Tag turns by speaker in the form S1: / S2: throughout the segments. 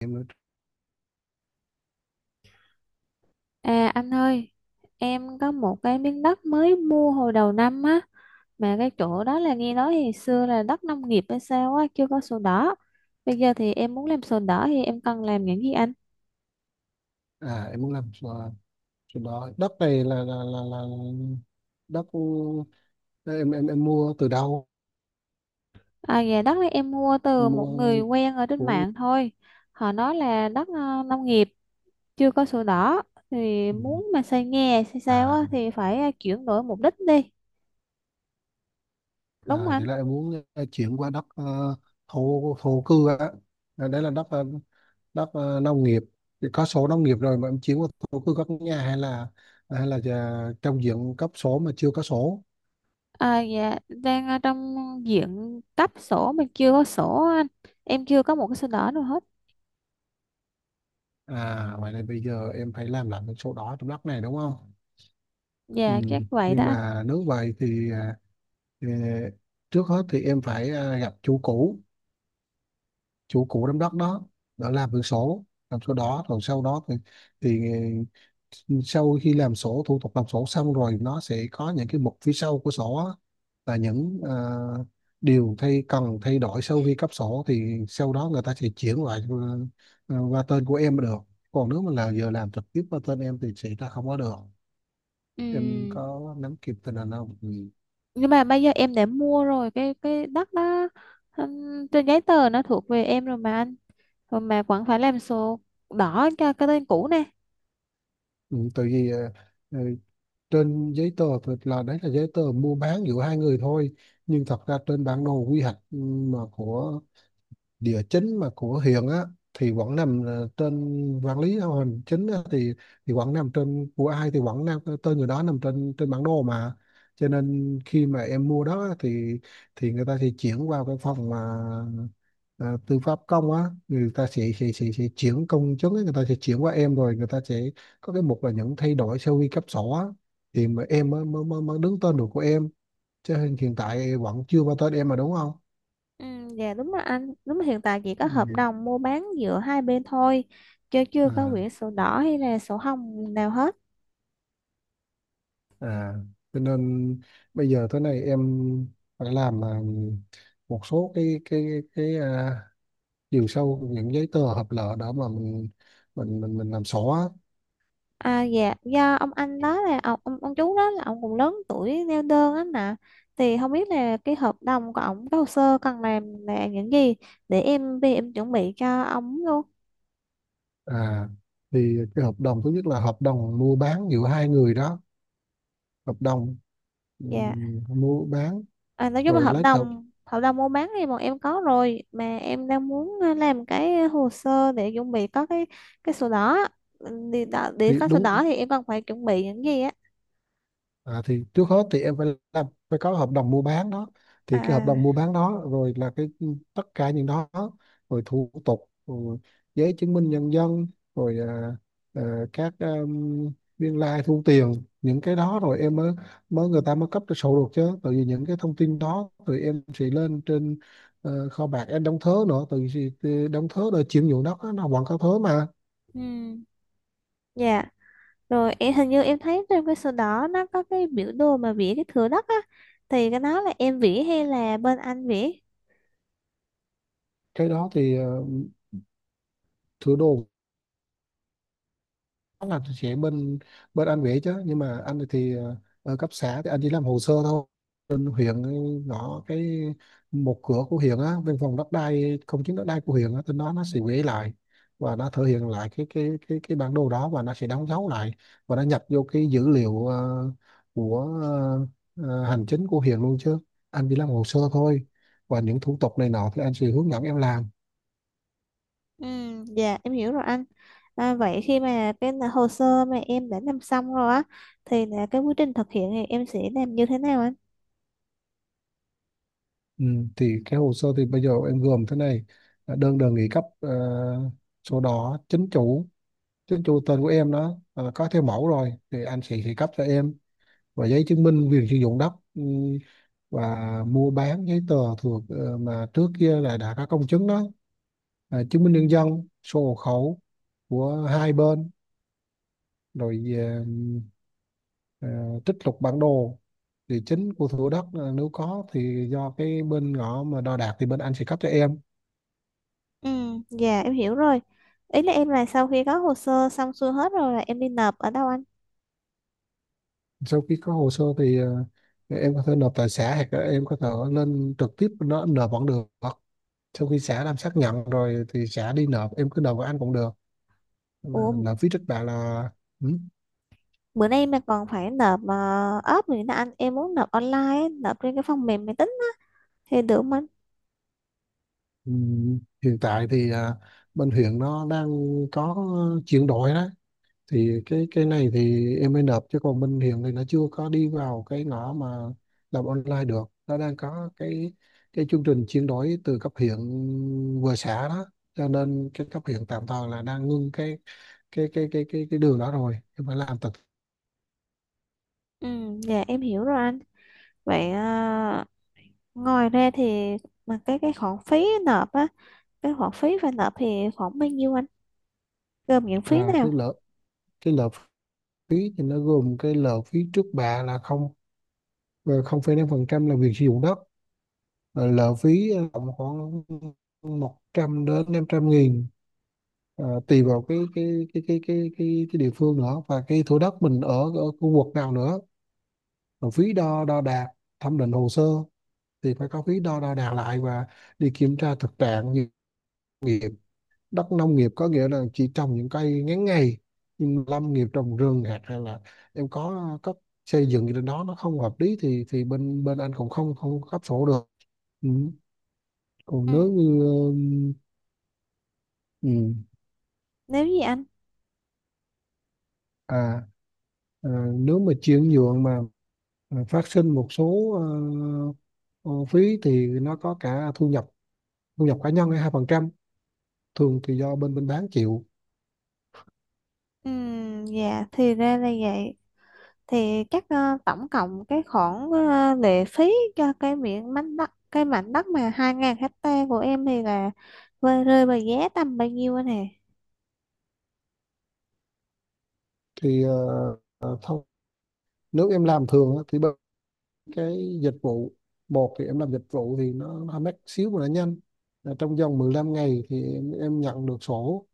S1: Em nói.
S2: À anh ơi, em có một cái miếng đất mới mua hồi đầu năm á, mà cái chỗ đó là nghe nói thì xưa là đất nông nghiệp hay sao á, chưa có sổ đỏ. Bây giờ thì em muốn làm sổ đỏ thì em cần làm những gì anh?
S1: Em muốn làm, chỗ đó đất này là đất, ờ, em mua từ đâu?
S2: À dạ, đất này em mua
S1: Em
S2: từ
S1: mua
S2: một người quen ở trên
S1: của.
S2: mạng thôi. Họ nói là đất nông nghiệp chưa có sổ đỏ thì
S1: Ừ.
S2: muốn mà xây nhà xây sao
S1: à
S2: á thì phải chuyển đổi mục đích đi. Đúng không anh?
S1: Vậy là em muốn, chuyển qua đất, thổ thổ cư á. À, đấy là đất, đất, nông nghiệp thì có sổ nông nghiệp rồi mà em chuyển qua thổ cư có nhà, hay là giờ trong diện cấp sổ mà chưa có sổ.
S2: À dạ, đang ở trong diện cấp sổ, mình chưa có sổ anh, em chưa có một cái sổ đỏ nào hết.
S1: Vậy là bây giờ em phải làm lại cái sổ đỏ trong đất này đúng không? Ừ.
S2: Dạ chắc vậy đó
S1: Nhưng
S2: anh.
S1: mà nếu vậy thì, Ờ, trước hết thì em phải, gặp chủ cũ, chủ cũ đám đất đó đã làm được sổ, làm sổ đỏ rồi sau đó thì ờ, sau khi làm sổ, thủ tục làm sổ xong rồi nó sẽ có những cái mục phía sau của sổ á, là những, điều cần thay đổi sau khi cấp sổ, thì sau đó người ta sẽ chuyển lại, qua tên của em mới được. Còn nếu mà là giờ làm trực tiếp qua tên em thì sẽ ra không có được.
S2: Ừ,
S1: Em có nắm kịp tình hình không? Ừ.
S2: nhưng mà bây giờ em đã mua rồi cái đất đó. Trên giấy tờ nó thuộc về em rồi mà anh, rồi mà vẫn phải làm sổ đỏ cho cái tên cũ nè.
S1: Ừ, tại vì, ờ, trên giấy tờ thì là đấy là giấy tờ mua bán giữa hai người thôi, nhưng thật ra trên bản đồ quy hoạch, mà của địa chính mà của huyện á, thì vẫn nằm, trên quản lý hành chính á, thì vẫn nằm trên của ai thì vẫn nằm, tên người đó nằm trên trên bản đồ mà. Cho nên khi mà em mua đó á, thì người ta sẽ chuyển qua cái phòng mà, à, tư pháp công á, người ta sẽ chuyển công chứng á, người ta sẽ chuyển qua em rồi người ta sẽ có cái mục là những thay đổi sau khi cấp sổ á, thì mà em mới, mới, mới mới đứng tên được của em. Cho nên hiện tại vẫn chưa có tên em mà đúng không?
S2: Ừ, dạ đúng rồi anh, đúng là hiện tại chỉ có
S1: Ừ.
S2: hợp đồng mua bán giữa hai bên thôi, chứ chưa có
S1: À.
S2: quyển sổ đỏ hay là sổ hồng nào hết.
S1: À, cho nên bây giờ thế này, em phải làm, một số cái à, chiều sâu những giấy tờ hợp lệ đó mà mình làm sổ á.
S2: À dạ, do ông anh đó là ông, ông chú đó là ông cũng lớn tuổi neo đơn á nè. Thì không biết là cái hợp đồng của ông, cái hồ sơ cần làm là những gì để em về em chuẩn bị cho ông luôn.
S1: À, thì cái hợp đồng thứ nhất là hợp đồng mua bán giữa hai người đó, hợp đồng,
S2: Dạ.
S1: mua bán,
S2: À, nói chung là
S1: rồi
S2: hợp
S1: lấy hợp,
S2: đồng hợp đồng mua bán thì bọn em có rồi, mà em đang muốn làm cái hồ sơ để chuẩn bị có cái sổ đỏ á. Ừ, để, để
S1: thì
S2: có sổ
S1: đúng.
S2: đỏ thì em cần phải chuẩn bị những gì á.
S1: À, thì trước hết thì em phải làm, phải có hợp đồng mua bán đó, thì cái hợp
S2: À.
S1: đồng mua bán đó rồi là cái tất cả những đó, rồi thủ tục, rồi giấy chứng minh nhân dân, rồi, à, à, các biên lai thu tiền, những cái đó rồi em mới mới người ta mới cấp cho sổ được, chứ tại vì những cái thông tin đó thì em sẽ lên trên, kho bạc em đóng thớ nữa, tại vì đóng thớ rồi chuyển nhượng đất á, nó vẫn có thớ mà.
S2: Ừ. Dạ. Rồi em hình như em thấy trong cái sổ đỏ nó có cái biểu đồ mà vẽ cái thửa đất á. Thì cái đó là em vẽ hay là bên anh vẽ?
S1: Cái đó thì, sửa đồ chắc là chị bên, bên anh vậy, chứ nhưng mà anh thì, ở cấp xã thì anh chỉ làm hồ sơ thôi, bên huyện ấy, ngõ cái một cửa của huyện á, bên phòng đất đai không, chứng đất đai của huyện á tên đó, nó sẽ gửi lại và nó thể hiện lại cái bản đồ đó, và nó sẽ đóng dấu lại và nó nhập vô cái dữ liệu, của ờ, hành chính của huyện luôn, chứ anh chỉ làm hồ sơ thôi và những thủ tục này nọ thì anh sẽ hướng dẫn em làm.
S2: Ừ, dạ em hiểu rồi anh. À, vậy khi mà hồ sơ mà em đã làm xong rồi á, thì là cái quá trình thực hiện thì em sẽ làm như thế nào anh?
S1: Ừ, thì cái hồ sơ thì bây giờ em gồm thế này, là đơn đề nghị cấp, sổ đỏ chính chủ, chính chủ tên của em đó, có theo mẫu rồi thì anh sẽ cấp cho em, và giấy chứng minh quyền sử dụng đất, và mua bán giấy tờ thuộc, mà trước kia là đã có công chứng đó, à, chứng minh nhân dân, sổ hộ khẩu của hai bên, rồi, ờ, trích lục bản đồ địa chính của thửa đất, nếu có thì do cái bên ngõ mà đo đạc thì bên anh sẽ cấp cho em.
S2: Ừ, dạ em hiểu rồi. Ý là em là sau khi có hồ sơ xong xuôi hết rồi là em đi nộp ở đâu anh?
S1: Sau khi có hồ sơ thì, em có thể nộp tại xã hoặc là em có thể lên trực tiếp nó nộp vẫn được, sau khi xã làm xác nhận rồi thì xã đi nộp, em cứ nộp với anh cũng được. Ờ,
S2: Ủa,
S1: nộp phí trước bạ là, ừ,
S2: bữa nay mà còn phải nộp ốp nữa nè anh. Em muốn nộp online á, nộp trên cái phần mềm máy tính á thì được không anh?
S1: ừ, hiện tại thì, bên huyện nó đang có chuyển đổi đó, thì cái này thì em mới nộp, chứ còn bên hiện thì nó chưa có đi vào cái ngõ mà làm online được, nó đang có cái chương trình chuyển đổi từ cấp huyện vừa xã đó, cho nên cái cấp huyện tạm thời là đang ngưng cái đường đó, rồi em phải làm thật.
S2: Ừ, dạ em hiểu rồi anh. Vậy à, ngoài ra thì mà cái khoản phí nộp á, cái khoản phí phải nộp thì khoảng bao nhiêu anh? Gồm những phí
S1: À, cái
S2: nào?
S1: lợ cái lợ phí thì nó gồm cái lợ phí trước bạ là không, 0,5% là việc sử dụng đất. Rồi lợ phí, tầm khoảng 100 đến 500 nghìn. Ờ, tùy vào cái địa phương nữa và cái thửa đất mình ở ở khu vực nào nữa, rồi phí đo đo đạc, thẩm định hồ sơ, thì phải có phí đo đo đạc lại và đi kiểm tra thực trạng, như nghiệp đất nông nghiệp có nghĩa là chỉ trồng những cây ngắn ngày, nhưng lâm nghiệp trồng rừng hạt, hay là em có cấp xây dựng gì trên đó nó không hợp lý thì bên bên anh cũng không không cấp sổ được. Ừ. Còn
S2: Ừ.
S1: nếu như, ừ,
S2: Nếu gì anh?
S1: à, à nếu mà chuyển nhượng mà, phát sinh một số, ờ, phí thì nó có cả thu nhập, thu nhập cá nhân hay 2%, thường thì do bên bên bán chịu.
S2: Ừ, dạ thì ra là vậy. Thì chắc à, tổng cộng cái khoản lệ phí cho cái miệng mảnh đất, cái mảnh đất mà hai ngàn hecta của em thì là rơi vào giá tầm bao nhiêu anh hả?
S1: Thì, thôi nếu em làm thường á, thì bên cái dịch vụ một, thì em làm dịch vụ thì nó mắc xíu mà nó nhanh. Là trong vòng 15 ngày thì em nhận được sổ,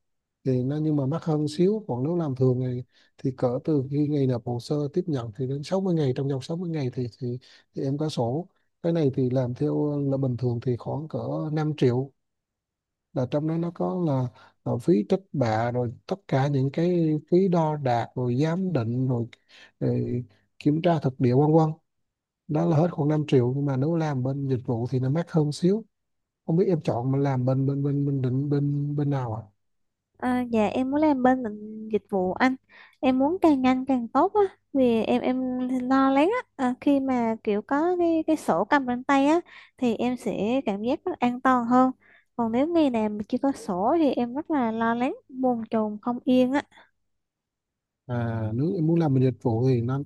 S1: thì nó nhưng mà mắc hơn xíu, còn nếu làm thường thì cỡ từ khi ngày nộp hồ sơ tiếp nhận thì đến 60 ngày, trong vòng 60 ngày thì em có sổ. Cái này thì làm theo là bình thường thì khoảng cỡ 5 triệu, là trong đó nó có là phí trích bạ, rồi tất cả những cái phí đo đạc, rồi giám định rồi, rồi kiểm tra thực địa, vân vân, đó là hết khoảng 5 triệu, nhưng mà nếu làm bên dịch vụ thì nó mắc hơn xíu. Không biết em chọn mà làm bên bên bên bên định bên bên nào ạ à?
S2: À dạ, em muốn làm bên ngành dịch vụ anh, em muốn càng nhanh càng tốt á, vì em lo lắng á, à khi mà kiểu có cái sổ cầm trên tay á thì em sẽ cảm giác rất an toàn hơn, còn nếu ngày nào mà chưa có sổ thì em rất là lo lắng bồn chồn không yên á.
S1: À, nếu em muốn làm bên dịch vụ thì nó,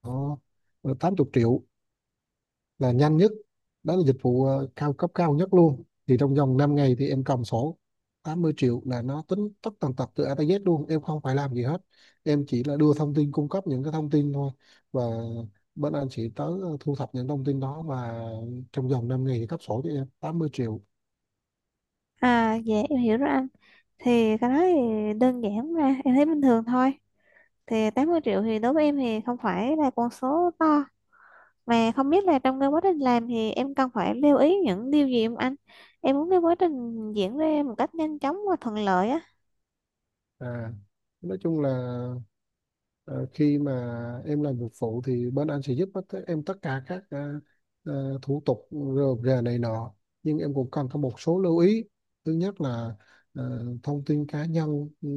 S1: Ồ, 80 triệu là nhanh nhất, đó là dịch vụ, cao cấp cao nhất luôn, thì trong vòng 5 ngày thì em cầm sổ. 80 triệu là nó tính tất tần tật từ A tới Z luôn, em không phải làm gì hết, em chỉ là đưa thông tin, cung cấp những cái thông tin thôi, và bên anh sẽ tới, thu thập những thông tin đó, và trong vòng 5 ngày thì cấp sổ cho em. 80 triệu.
S2: À dạ em hiểu rồi anh, thì cái đó thì đơn giản mà em thấy bình thường thôi, thì 80 triệu thì đối với em thì không phải là con số to, mà không biết là trong cái quá trình làm thì em cần phải lưu ý những điều gì không anh? Em muốn cái quá trình diễn ra một cách nhanh chóng và thuận lợi á.
S1: à nói chung là, Ờ, khi mà em làm việc phụ thì bên anh sẽ giúp hết tất- em tất cả các, thủ tục rườm rà này nọ, nhưng em cũng cần có một số lưu ý. Thứ nhất là, thông tin cá nhân,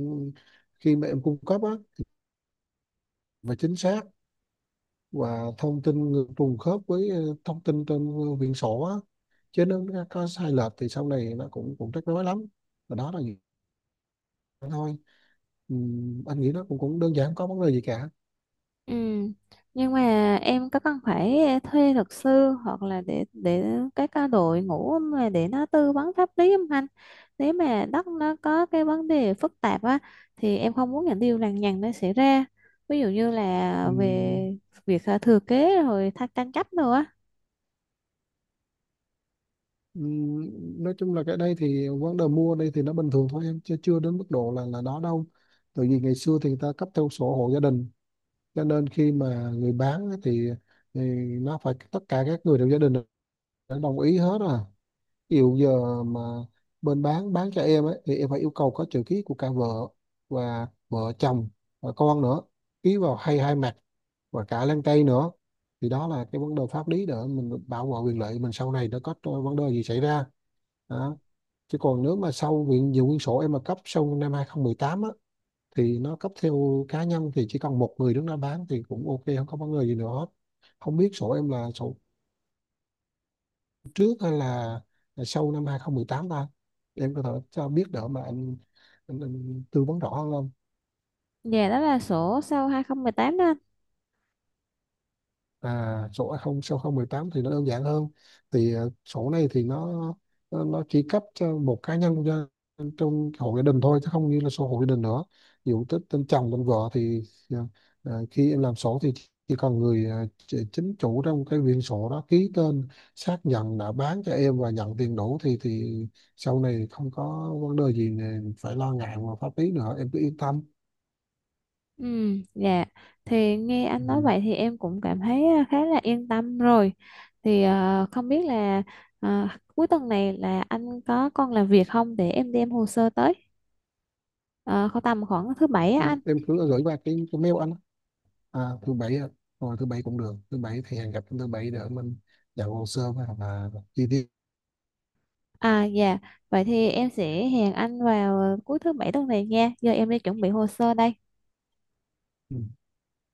S1: khi mà em cung cấp á, và chính xác và thông tin ngược trùng khớp với, thông tin trên quyển sổ á. Chứ nếu nó có sai lệch thì sau này nó cũng cũng rắc rối lắm, và đó là gì thôi. Ừ, anh nghĩ nó cũng cũng đơn giản, không có vấn đề gì cả.
S2: Ừ. Nhưng mà em có cần phải thuê luật sư hoặc là để cái ca đội ngũ mà để nó tư vấn pháp lý không anh? Nếu mà đất nó có cái vấn đề phức tạp á thì em không muốn những điều lằng nhằng nó xảy ra. Ví dụ như
S1: Ừ.
S2: là về việc à, thừa kế rồi thắc tranh chấp nữa á.
S1: Ừm, nói chung là cái đây thì vấn đề mua đây thì nó bình thường thôi em, chứ chưa đến mức độ là đó đâu, tại vì ngày xưa thì người ta cấp theo sổ hộ gia đình, cho nên khi mà người bán á thì nó phải tất cả các người trong gia đình đã đồng ý hết à. Ví dụ giờ mà bên bán cho em ấy thì em phải yêu cầu có chữ ký của cả vợ và vợ chồng và con nữa, ký vào hai hai mặt và cả lan tay nữa, thì đó là cái vấn đề pháp lý để mình bảo vệ quyền lợi mình sau này nó có vấn đề gì xảy ra đó. Chứ còn nếu mà sau quyển nhiều quyển sổ em mà cấp sau năm 2018 á, thì nó cấp theo cá nhân thì chỉ cần một người đứng ra bán thì cũng ok, không có vấn đề gì nữa hết. Không biết sổ em là sổ trước hay là sau năm 2018 ta, em có thể cho biết đỡ mà anh tư vấn rõ hơn không?
S2: Dạ đó là sổ sau 2018 đó anh.
S1: À, sổ A0 sau 018 thì nó đơn giản hơn. Thì, sổ này thì nó chỉ cấp cho một cá nhân cho, trong hộ gia đình thôi, chứ không như là sổ hộ gia đình nữa. Ví dụ tên chồng tên vợ thì, ờ, khi em làm sổ thì chỉ cần người, chính chủ trong cái quyển sổ đó ký tên xác nhận đã bán cho em và nhận tiền đủ thì sau này không có vấn đề gì này phải lo ngại về pháp lý nữa, em cứ yên tâm.
S2: Ừ, dạ. Thì nghe anh nói
S1: Ừ.
S2: vậy thì em cũng cảm thấy à, khá là yên tâm rồi. Thì à, không biết là à, cuối tuần này là anh có còn làm việc không để em đem hồ sơ tới. À, khoảng tầm khoảng thứ bảy á anh.
S1: Em cứ gửi qua cái mail anh. À, thứ bảy ạ. Rồi thứ bảy cũng được, thứ bảy thì hẹn gặp thứ bảy để mình nhận hồ sơ và chi tiết.
S2: À dạ. Vậy thì em sẽ hẹn anh vào cuối thứ bảy tuần này nha. Giờ em đi chuẩn bị hồ sơ đây.
S1: Ừ.